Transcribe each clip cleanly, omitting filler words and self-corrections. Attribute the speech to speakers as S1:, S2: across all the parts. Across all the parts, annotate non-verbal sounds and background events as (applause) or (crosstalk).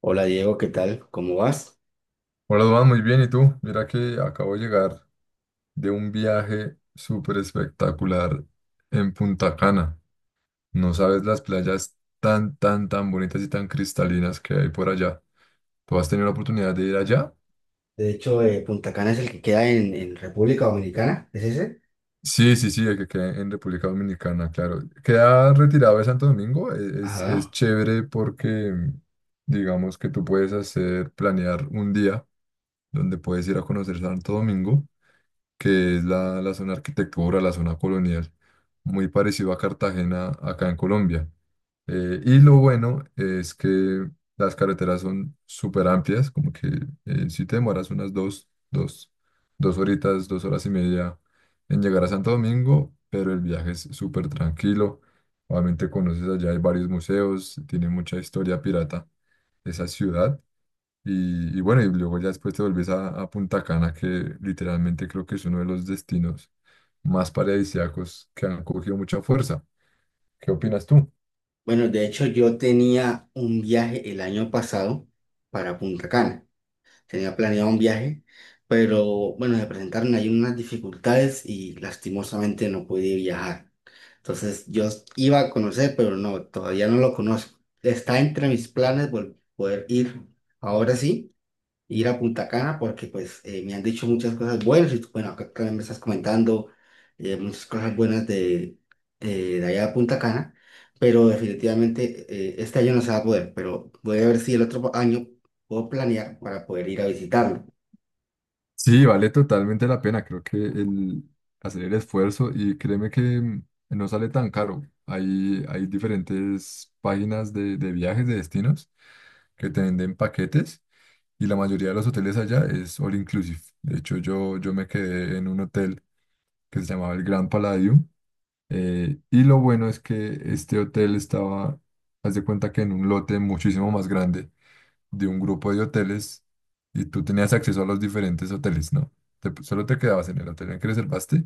S1: Hola Diego, ¿qué tal? ¿Cómo vas?
S2: Hola, Duan, muy bien. ¿Y tú? Mira que acabo de llegar de un viaje súper espectacular en Punta Cana. No sabes las playas tan, tan, tan bonitas y tan cristalinas que hay por allá. ¿Tú has tenido la oportunidad de ir allá?
S1: De hecho, Punta Cana es el que queda en República Dominicana, ¿es ese?
S2: Sí, sí, sí, el que queda en República Dominicana, claro. Queda retirado de Santo Domingo. Es
S1: Ajá.
S2: chévere porque digamos que tú puedes hacer, planear un día donde puedes ir a conocer Santo Domingo, que es la zona arquitectura, la zona colonial, muy parecido a Cartagena acá en Colombia. Y lo bueno es que las carreteras son súper amplias, como que si te demoras unas dos horitas, 2 horas y media en llegar a Santo Domingo, pero el viaje es súper tranquilo. Obviamente conoces allá, hay varios museos, tiene mucha historia pirata esa ciudad. Y bueno, y luego ya después te volvés a Punta Cana, que literalmente creo que es uno de los destinos más paradisíacos que han cogido mucha fuerza. ¿Qué opinas tú?
S1: Bueno, de hecho yo tenía un viaje el año pasado para Punta Cana. Tenía planeado un viaje, pero bueno, se presentaron ahí unas dificultades y lastimosamente no pude viajar. Entonces yo iba a conocer, pero no, todavía no lo conozco. Está entre mis planes poder ir ahora sí ir a Punta Cana porque pues me han dicho muchas cosas buenas y tú, bueno, acá también me estás comentando muchas cosas buenas de allá a Punta Cana, pero definitivamente este año no se va a poder, pero voy a ver si el otro año puedo planear para poder ir a visitarlo.
S2: Sí, vale totalmente la pena. Creo que el hacer el esfuerzo y créeme que no sale tan caro. Hay diferentes páginas de viajes, de destinos, que te venden paquetes, y la mayoría de los hoteles allá es all inclusive. De hecho, yo me quedé en un hotel que se llamaba el Grand Palladium. Y lo bueno es que este hotel estaba, haz de cuenta, que en un lote muchísimo más grande, de un grupo de hoteles, y tú tenías acceso a los diferentes hoteles, ¿no? Solo te quedabas en el hotel en el que reservaste,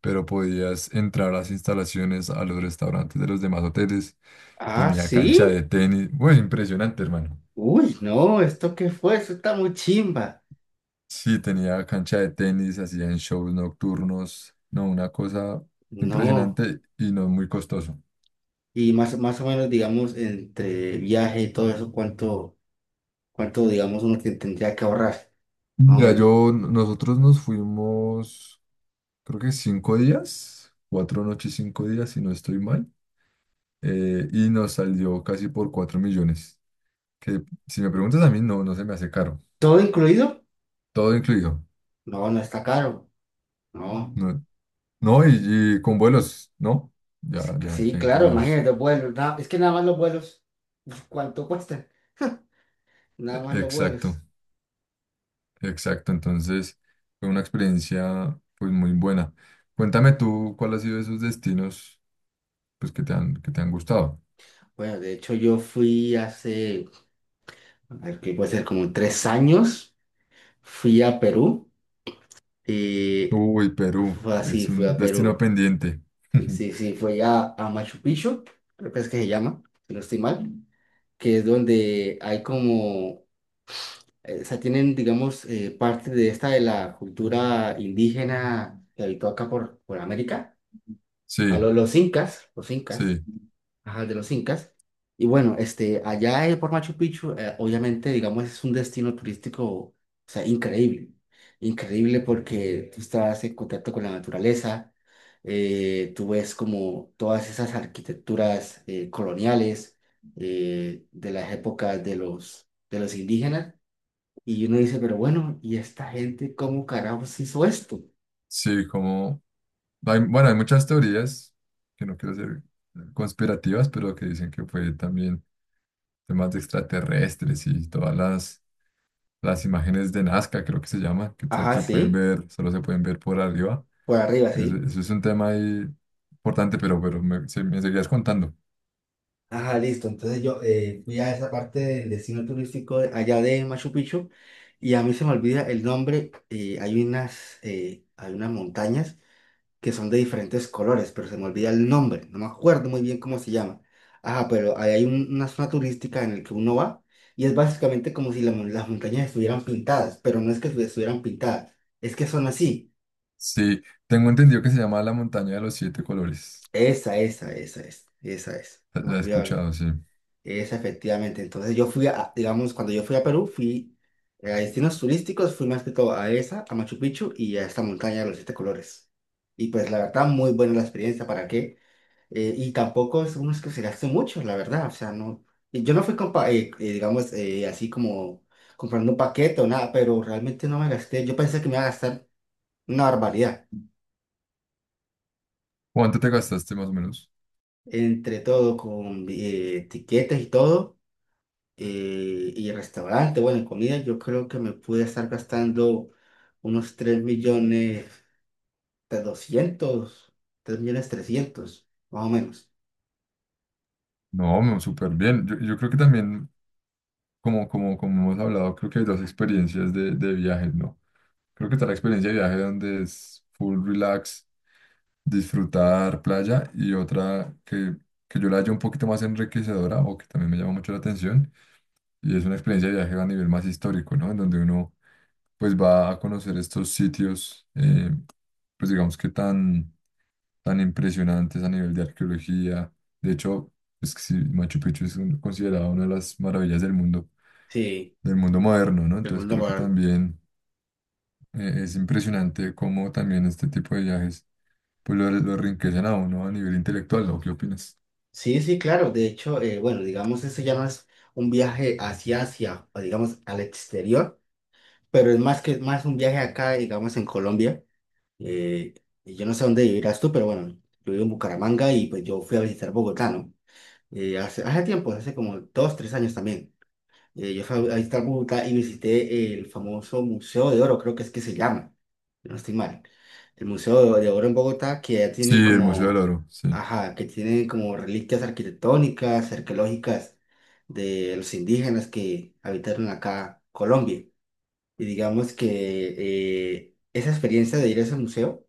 S2: pero podías entrar a las instalaciones, a los restaurantes de los demás hoteles.
S1: Ah,
S2: Tenía cancha
S1: sí.
S2: de tenis. Bueno, impresionante, hermano.
S1: Uy, no, ¿esto qué fue? Eso está muy chimba.
S2: Sí, tenía cancha de tenis, hacían shows nocturnos. No, una cosa
S1: No.
S2: impresionante y no muy costoso.
S1: Y más o menos, digamos, entre viaje y todo eso, ¿cuánto, digamos, uno que tendría que ahorrar? Más o
S2: Mira,
S1: menos.
S2: yo, nosotros nos fuimos, creo que 5 días, 4 noches, 5 días, si no estoy mal, y nos salió casi por 4 millones, que, si me preguntas a mí, no, no se me hace caro,
S1: ¿Todo incluido?
S2: todo incluido,
S1: No, no está caro, no.
S2: no, no, y con vuelos, ¿no? Ya, ya,
S1: Sí,
S2: ya
S1: claro,
S2: incluidos.
S1: imagínate, vuelos, es que nada más los vuelos, uf, ¿cuánto cuestan? Nada más los
S2: Exacto,
S1: vuelos.
S2: exacto, entonces fue una experiencia pues muy buena. Cuéntame tú, ¿cuál ha sido esos destinos pues que te han gustado?
S1: Bueno, de hecho yo fui hace, a ver, ¿qué puede ser? Como 3 años, fui a Perú y
S2: Uy, Perú,
S1: fue así,
S2: es
S1: fui
S2: un
S1: a
S2: destino
S1: Perú.
S2: pendiente.
S1: Sí,
S2: (laughs)
S1: sí, sí, fui a Machu Picchu, creo que es que se llama, si no estoy mal, que es donde hay como o sea, tienen, digamos, parte de esta de la cultura indígena que habitó acá por América,
S2: Sí,
S1: los incas,
S2: sí,
S1: ajá, de los incas. Y bueno, este, allá por Machu Picchu, obviamente, digamos, es un destino turístico, o sea, increíble, increíble porque tú estás en contacto con la naturaleza, tú ves como todas esas arquitecturas coloniales de las épocas de de los indígenas. Y uno dice, pero bueno, ¿y esta gente cómo carajos hizo esto?
S2: sí, como. Hay, bueno, hay muchas teorías, que no quiero ser conspirativas, pero que dicen que fue también temas de extraterrestres y todas las imágenes de Nazca, creo que se llama, que solo
S1: Ajá,
S2: se pueden
S1: sí,
S2: ver, solo se pueden ver por arriba.
S1: por arriba,
S2: Eso,
S1: sí.
S2: eso es un tema ahí importante, pero, pero me seguías contando.
S1: Ajá, listo. Entonces yo fui a esa parte del destino turístico allá de Machu Picchu y a mí se me olvida el nombre. Hay unas montañas que son de diferentes colores, pero se me olvida el nombre. No me acuerdo muy bien cómo se llama. Ajá, pero ahí hay una zona turística en la que uno va y es básicamente como si las montañas estuvieran pintadas, pero no es que estuvieran pintadas, es que son así.
S2: Sí, tengo entendido que se llama la montaña de los 7 colores.
S1: Esa es,
S2: La
S1: me
S2: la he
S1: olvidó,
S2: escuchado, sí.
S1: esa efectivamente. Entonces yo fui a, digamos, cuando yo fui a Perú, fui a destinos turísticos, fui más que todo a esa, a Machu Picchu y a esta montaña de los siete colores. Y pues la verdad, muy buena la experiencia, ¿para qué? Y tampoco es uno que se gaste mucho, la verdad, o sea, no, y yo no fui, digamos, así como comprando un paquete o nada, pero realmente no me gasté, yo pensé que me iba a gastar una barbaridad,
S2: ¿Cuánto te gastaste más o menos?
S1: entre todo, con etiquetas y todo. Y restaurante, bueno, y comida, yo creo que me pude estar gastando unos 3 millones de 200 3 millones 300 más o menos.
S2: No, no, súper bien. Yo creo que también, como hemos hablado, creo que hay dos experiencias de viajes, ¿no? Creo que está la experiencia de viaje donde es full relax, disfrutar playa, y otra que yo la hallo un poquito más enriquecedora, o que también me llama mucho la atención, y es una experiencia de viaje a nivel más histórico, ¿no? En donde uno pues va a conocer estos sitios, pues digamos que tan tan impresionantes a nivel de arqueología. De hecho, es que sí, Machu Picchu es considerado una de las maravillas
S1: Sí,
S2: del mundo moderno, ¿no?
S1: el
S2: Entonces
S1: mundo
S2: creo que
S1: moderno.
S2: también es impresionante cómo también este tipo de viajes pues lo enriquecen a uno a nivel intelectual, ¿no? ¿Qué opinas?
S1: Sí, sí, claro. De hecho, bueno, digamos, eso ya no es un viaje hacia Asia, o digamos, al exterior, pero es más que más un viaje acá, digamos, en Colombia. Eh, y yo no sé dónde vivirás tú, pero bueno, yo vivo en Bucaramanga y pues yo fui a visitar Bogotá, ¿no? Hace tiempo, hace como 2, 3 años también. Yo fui a visitar Bogotá y visité el famoso Museo de Oro, creo que es que se llama, si no estoy mal. El Museo de Oro en Bogotá, que ya
S2: Sí,
S1: tienen
S2: el Museo del
S1: como,
S2: Oro, sí.
S1: ajá, que tienen como reliquias arquitectónicas, arqueológicas de los indígenas que habitaron acá Colombia. Y digamos que esa experiencia de ir a ese museo,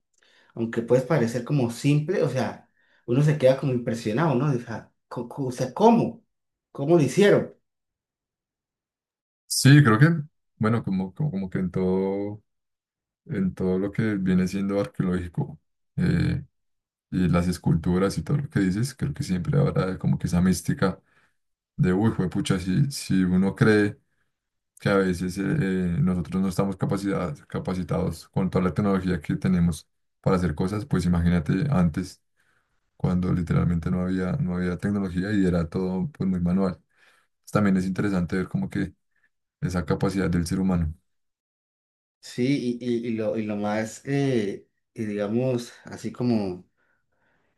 S1: aunque puede parecer como simple, o sea, uno se queda como impresionado, ¿no? O sea, o sea, ¿cómo? ¿Cómo lo hicieron?
S2: Sí, creo que, bueno, como que en todo, lo que viene siendo arqueológico, y las esculturas y todo lo que dices, creo que siempre habrá como que esa mística de, uy, juepucha, si uno cree que a veces nosotros no estamos capacitados, capacitados con toda la tecnología que tenemos para hacer cosas, pues imagínate antes, cuando literalmente no había tecnología y era todo, pues, muy manual. Pues, también es interesante ver como que esa capacidad del ser humano.
S1: Sí, y lo más, y digamos, así como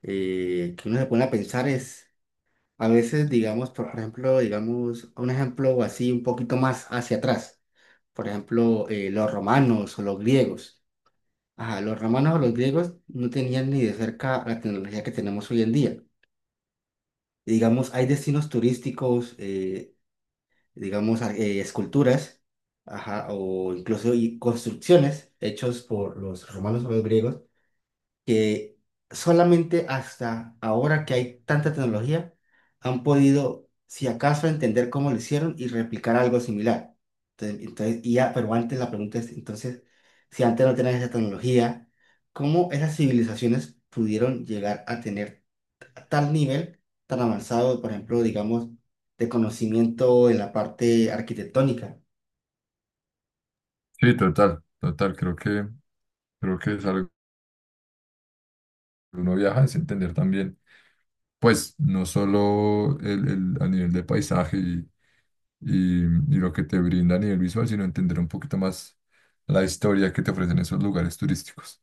S1: que uno se pone a pensar es, a veces, digamos, por ejemplo, digamos, un ejemplo así un poquito más hacia atrás, por ejemplo, los romanos o los griegos. Ajá, los romanos o los griegos no tenían ni de cerca la tecnología que tenemos hoy en día. Y, digamos, hay destinos turísticos, digamos, esculturas, ajá, o incluso y construcciones hechos por los romanos o los griegos que solamente hasta ahora que hay tanta tecnología han podido, si acaso, entender cómo lo hicieron y replicar algo similar. Entonces, y ya, pero antes la pregunta es, entonces, si antes no tenían esa tecnología, ¿cómo esas civilizaciones pudieron llegar a tener tal nivel tan avanzado, por ejemplo, digamos, de conocimiento en la parte arquitectónica?
S2: Sí, total, total, creo que es algo que uno viaja, es entender también pues no solo a nivel de paisaje y lo que te brinda a nivel visual, sino entender un poquito más la historia que te ofrecen esos lugares turísticos.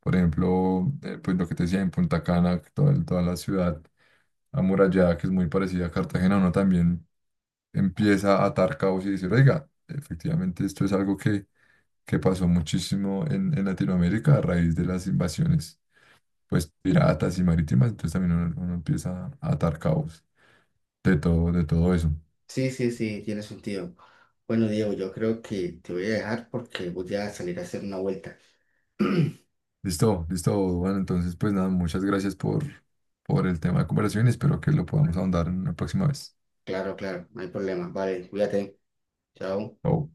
S2: Por ejemplo, pues lo que te decía en Punta Cana, que toda la ciudad amurallada, que es muy parecida a Cartagena, uno también empieza a atar cabos y decir, oiga, efectivamente esto es algo que pasó muchísimo en Latinoamérica a raíz de las invasiones, pues piratas y marítimas, entonces también uno empieza a atar cabos de todo eso.
S1: Sí, sí, sí, tiene sentido. Bueno, Diego, yo creo que te voy a dejar porque voy a salir a hacer una vuelta. (clears throat)
S2: Listo, listo, bueno, entonces pues nada, muchas gracias por el tema de conversación y espero que lo podamos ahondar en una próxima vez.
S1: Claro, claro, no hay problema. Vale, cuídate. Chao.
S2: Chao.